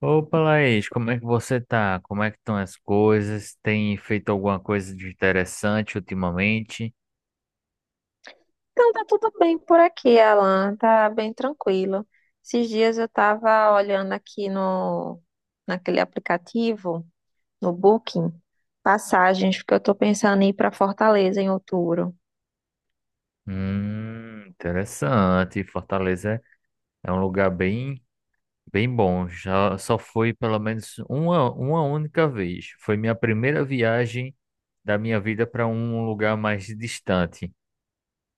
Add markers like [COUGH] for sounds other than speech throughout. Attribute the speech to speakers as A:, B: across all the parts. A: Opa, Laís, como é que você tá? Como é que estão as coisas? Tem feito alguma coisa de interessante ultimamente?
B: Então, tá tudo bem por aqui, Alan. Tá bem tranquilo. Esses dias eu tava olhando aqui no, naquele aplicativo, no Booking, passagens, porque eu tô pensando em ir pra Fortaleza em outubro.
A: Interessante. Fortaleza é um lugar bem, bem bom. Já só fui pelo menos uma única vez. Foi minha primeira viagem da minha vida para um lugar mais distante.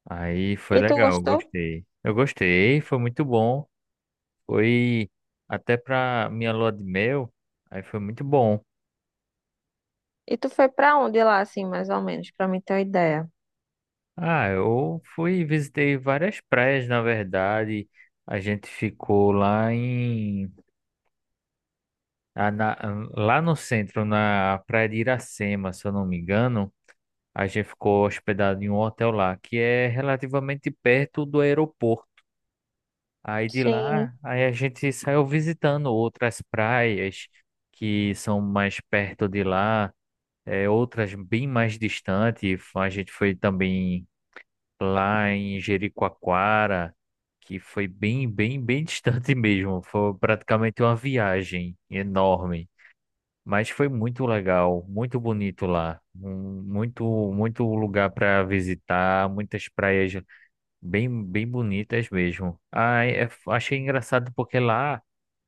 A: Aí foi
B: E tu
A: legal,
B: gostou?
A: gostei. Eu gostei, foi muito bom. Foi até para minha lua de mel. Aí foi muito bom.
B: E tu foi pra onde lá, assim, mais ou menos, pra mim ter uma ideia?
A: Ah, eu fui e visitei várias praias, na verdade. A gente ficou lá em a- na- lá no centro, na praia de Iracema, se eu não me engano. A gente ficou hospedado em um hotel lá, que é relativamente perto do aeroporto. Aí de lá,
B: Sim.
A: aí a gente saiu visitando outras praias que são mais perto de lá, é, outras bem mais distantes. A gente foi também lá em Jericoacoara, que foi bem, bem, bem [LAUGHS] distante mesmo. Foi praticamente uma viagem enorme, mas foi muito legal, muito bonito lá. Muito, muito lugar para visitar, muitas praias bem, bem bonitas mesmo. Ah, achei engraçado porque lá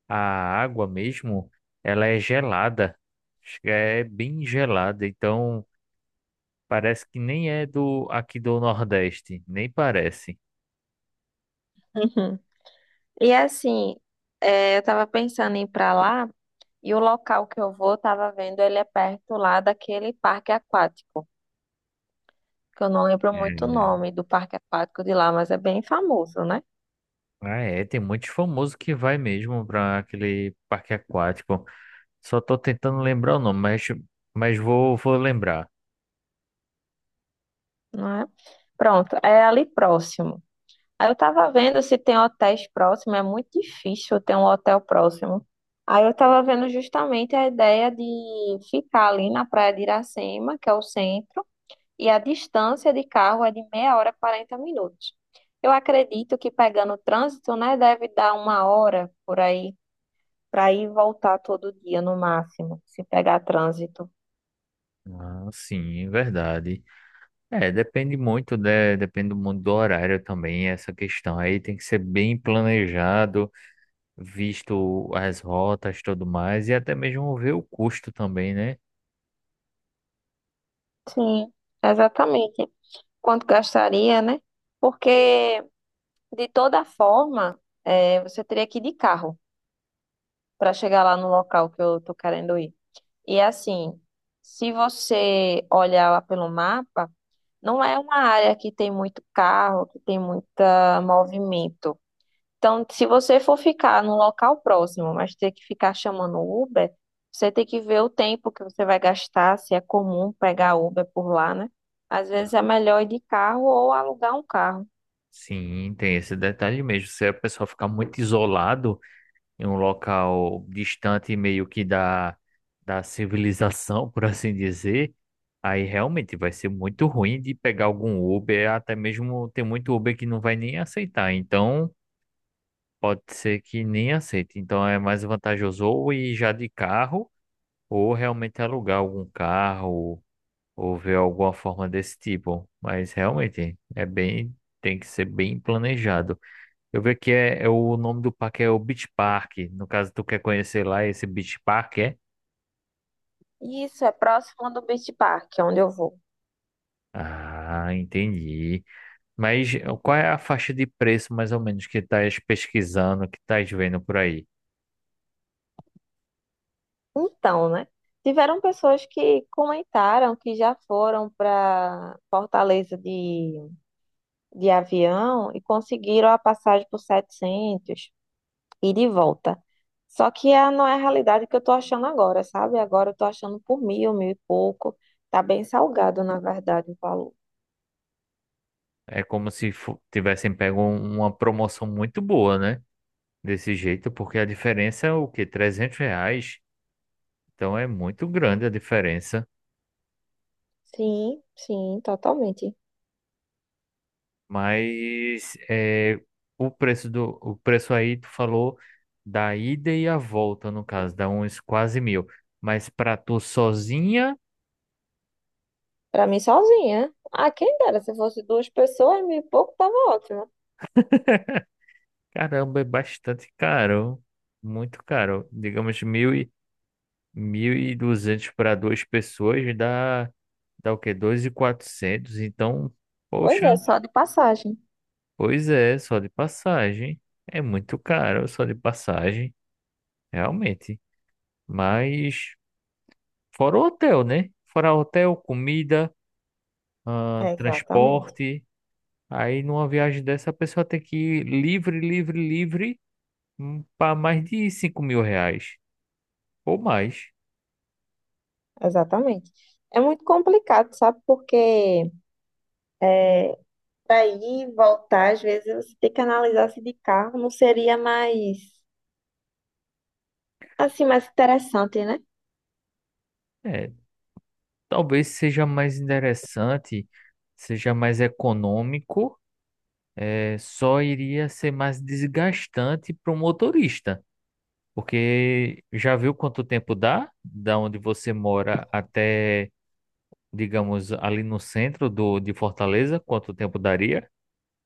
A: a água mesmo, ela é gelada. É bem gelada, então parece que nem é do aqui do Nordeste, nem parece.
B: Uhum. E assim, eu tava pensando em ir pra lá, e o local que eu vou, tava vendo, ele é perto lá daquele parque aquático, que eu não lembro muito o nome do parque aquático de lá, mas é bem famoso, né?
A: Ah, é, tem muitos famosos que vai mesmo para aquele parque aquático. Só tô tentando lembrar o nome, mas vou, vou lembrar.
B: Não é? Pronto, é ali próximo. Aí eu tava vendo se tem hotéis próximos, é muito difícil ter um hotel próximo. Aí eu tava vendo justamente a ideia de ficar ali na Praia de Iracema, que é o centro, e a distância de carro é de meia hora e 40 minutos. Eu acredito que pegando o trânsito, né, deve dar uma hora por aí, para ir e voltar todo dia no máximo, se pegar trânsito.
A: Ah, sim, verdade. É, depende muito, né? Depende muito do horário também, essa questão. Aí tem que ser bem planejado, visto as rotas tudo mais, e até mesmo ver o custo também, né?
B: Sim, exatamente. Quanto gastaria, né? Porque, de toda forma, você teria que ir de carro para chegar lá no local que eu tô querendo ir. E assim, se você olhar lá pelo mapa, não é uma área que tem muito carro, que tem muito movimento. Então, se você for ficar num local próximo, mas ter que ficar chamando o Uber, você tem que ver o tempo que você vai gastar, se é comum pegar Uber por lá, né? Às vezes é melhor ir de carro ou alugar um carro.
A: Sim, tem esse detalhe mesmo. Se a pessoa ficar muito isolado em um local distante meio que da civilização, [LAUGHS] por assim dizer, aí realmente vai ser muito ruim de pegar algum Uber, até mesmo tem muito Uber que não vai nem aceitar, então pode ser que nem aceite. Então é mais vantajoso ou ir já de carro, ou realmente alugar algum carro, ou ver alguma forma desse tipo. Mas realmente é bem, tem que ser bem planejado. Eu vi que é o nome do parque é o Beach Park. No caso, tu quer conhecer lá esse Beach Park, é?
B: E isso é próximo do Beach Park, onde eu vou.
A: Ah, entendi. Mas qual é a faixa de preço, mais ou menos, que estás pesquisando, que estás vendo por aí?
B: Então, né? Tiveram pessoas que comentaram que já foram para Fortaleza de avião e conseguiram a passagem por 700 e de volta. Só que é, não é a realidade que eu tô achando agora, sabe? Agora eu tô achando por 1.000, 1.000 e pouco. Tá bem salgado, na verdade, o valor.
A: É como se tivessem pego uma promoção muito boa, né? Desse jeito, porque a diferença é o quê? 300 reais. Então é muito grande a diferença.
B: Sim, sim, totalmente.
A: Mas é, o preço do o preço aí tu falou da ida e a volta, no caso, dá uns quase mil. Mas pra tu sozinha,
B: Pra mim sozinha. Ah, quem dera, se fosse duas pessoas, 1.000 e pouco tava ótimo.
A: caramba, é bastante caro. Muito caro. Digamos, 1.200 para duas pessoas dá, dá o quê? 2.400. Então,
B: Pois é,
A: poxa,
B: só de passagem.
A: pois é, só de passagem. É muito caro, só de passagem, realmente. Mas, fora o hotel, né? Fora hotel, comida, ah,
B: É, exatamente,
A: transporte. Aí numa viagem dessa a pessoa tem que ir livre, livre, livre, para mais de 5.000 reais ou mais.
B: exatamente. É muito complicado, sabe? Porque é, para ir e voltar, às vezes você tem que analisar se de carro não seria mais, assim, mais interessante, né?
A: É, talvez seja mais interessante, seja mais econômico, é, só iria ser mais desgastante para o motorista. Porque já viu quanto tempo dá, da onde você mora até, digamos, ali no centro de Fortaleza, quanto tempo daria?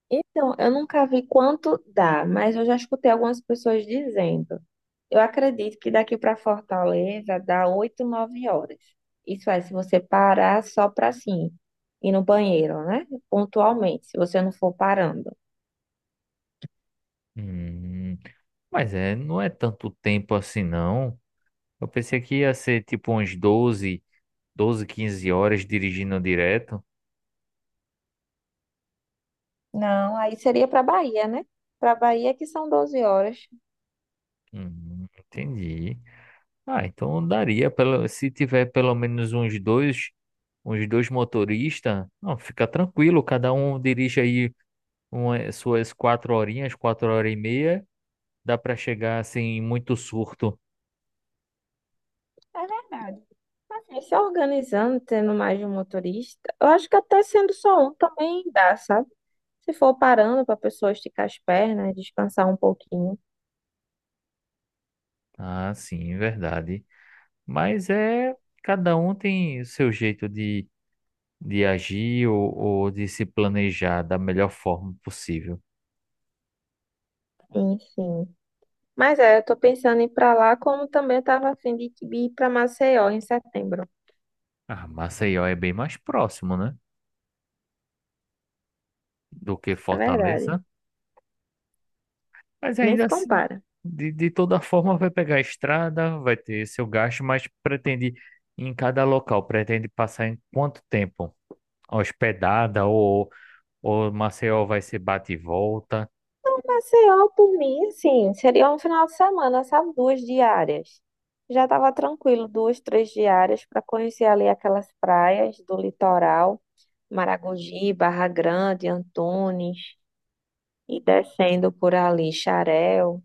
B: Então, eu nunca vi quanto dá, mas eu já escutei algumas pessoas dizendo. Eu acredito que daqui para Fortaleza dá 8, 9 horas. Isso é, se você parar só para assim ir no banheiro, né? Pontualmente, se você não for parando.
A: Hum, mas é, não é tanto tempo assim, não. Eu pensei que ia ser tipo uns 12, 15 horas dirigindo direto.
B: Não, aí seria para Bahia, né? Para Bahia que são 12 horas.
A: Entendi. Ah, então daria, pelo, se tiver pelo menos uns dois motoristas, não, fica tranquilo, cada um dirige aí uma, suas quatro horinhas, 4 horas e meia, dá para chegar sem muito surto.
B: É verdade. Assim, se organizando, tendo mais de um motorista, eu acho que até sendo só um também dá, sabe? Se for parando para a pessoa esticar as pernas, descansar um pouquinho.
A: Ah, sim, verdade. Mas é, cada um tem o seu jeito de agir, ou de se planejar da melhor forma possível.
B: Sim, sim. Mas é, eu tô pensando em ir pra lá, como também eu tava a fim de ir pra Maceió em setembro.
A: Ah, Maceió é bem mais próximo, né? Do que
B: É verdade.
A: Fortaleza, mas
B: Nem
A: ainda
B: se
A: assim,
B: compara.
A: de toda forma, vai pegar a estrada, vai ter seu gasto, mas pretende, em cada local, pretende passar em quanto tempo? Hospedada, ou Maceió vai ser bate e volta?
B: Maceió, por mim, assim, seria um final de semana, sabe? Duas diárias. Já tava tranquilo, duas, três diárias para conhecer ali aquelas praias do litoral, Maragogi, Barra Grande, Antunes, e descendo por ali, Xarel.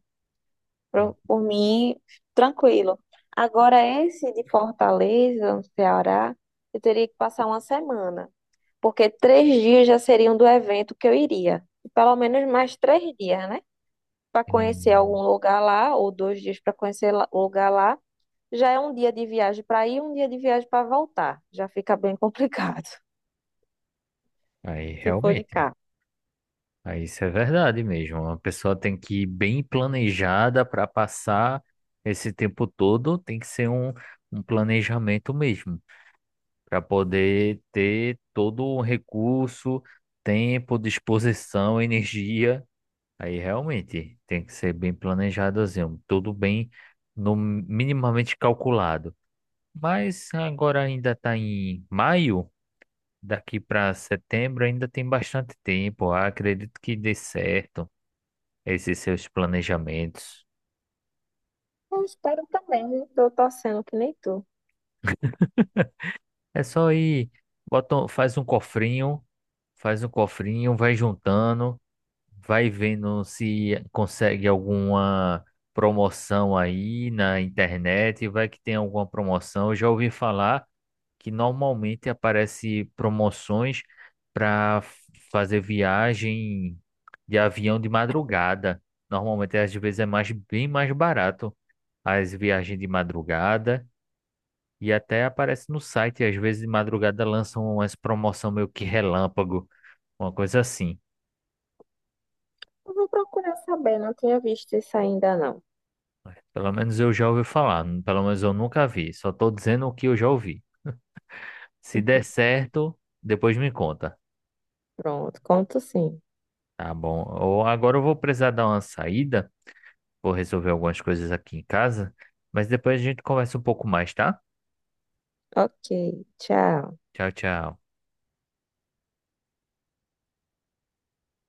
A: Hum,
B: Por mim, tranquilo. Agora, esse de Fortaleza, no Ceará, eu teria que passar uma semana, porque 3 dias já seriam do evento que eu iria. E pelo menos mais 3 dias, né? Para conhecer
A: hum.
B: algum lugar lá, ou 2 dias para conhecer o lugar lá. Já é um dia de viagem para ir, um dia de viagem para voltar. Já fica bem complicado,
A: Aí,
B: [LAUGHS] se for de
A: realmente.
B: cá.
A: Ah, isso é verdade mesmo. A pessoa tem que ir bem planejada para passar esse tempo todo, tem que ser um planejamento mesmo, para poder ter todo o recurso, tempo, disposição, energia. Aí realmente tem que ser bem planejadozinho, tudo bem no minimamente calculado. Mas agora ainda está em maio, daqui para setembro ainda tem bastante tempo. Ah, acredito que dê certo esses seus planejamentos.
B: Eu espero também, né? Tô torcendo que nem tu.
A: É só ir, bota, faz um cofrinho, vai juntando, vai vendo se consegue alguma promoção aí na internet, vai que tem alguma promoção. Eu já ouvi falar que normalmente aparece promoções para fazer viagem de avião de madrugada. Normalmente às vezes é mais bem mais barato as viagens de madrugada. E até aparece no site, às vezes de madrugada lançam umas promoção meio que relâmpago, uma coisa assim.
B: Eu vou procurar saber, não tinha visto isso ainda não.
A: Pelo menos eu já ouvi falar, pelo menos eu nunca vi, só tô dizendo o que eu já ouvi. Se der certo, depois me conta.
B: Pronto, conto sim.
A: Tá bom. Ou agora eu vou precisar dar uma saída, vou resolver algumas coisas aqui em casa, mas depois a gente conversa um pouco mais, tá?
B: Ok, tchau.
A: Tchau, tchau.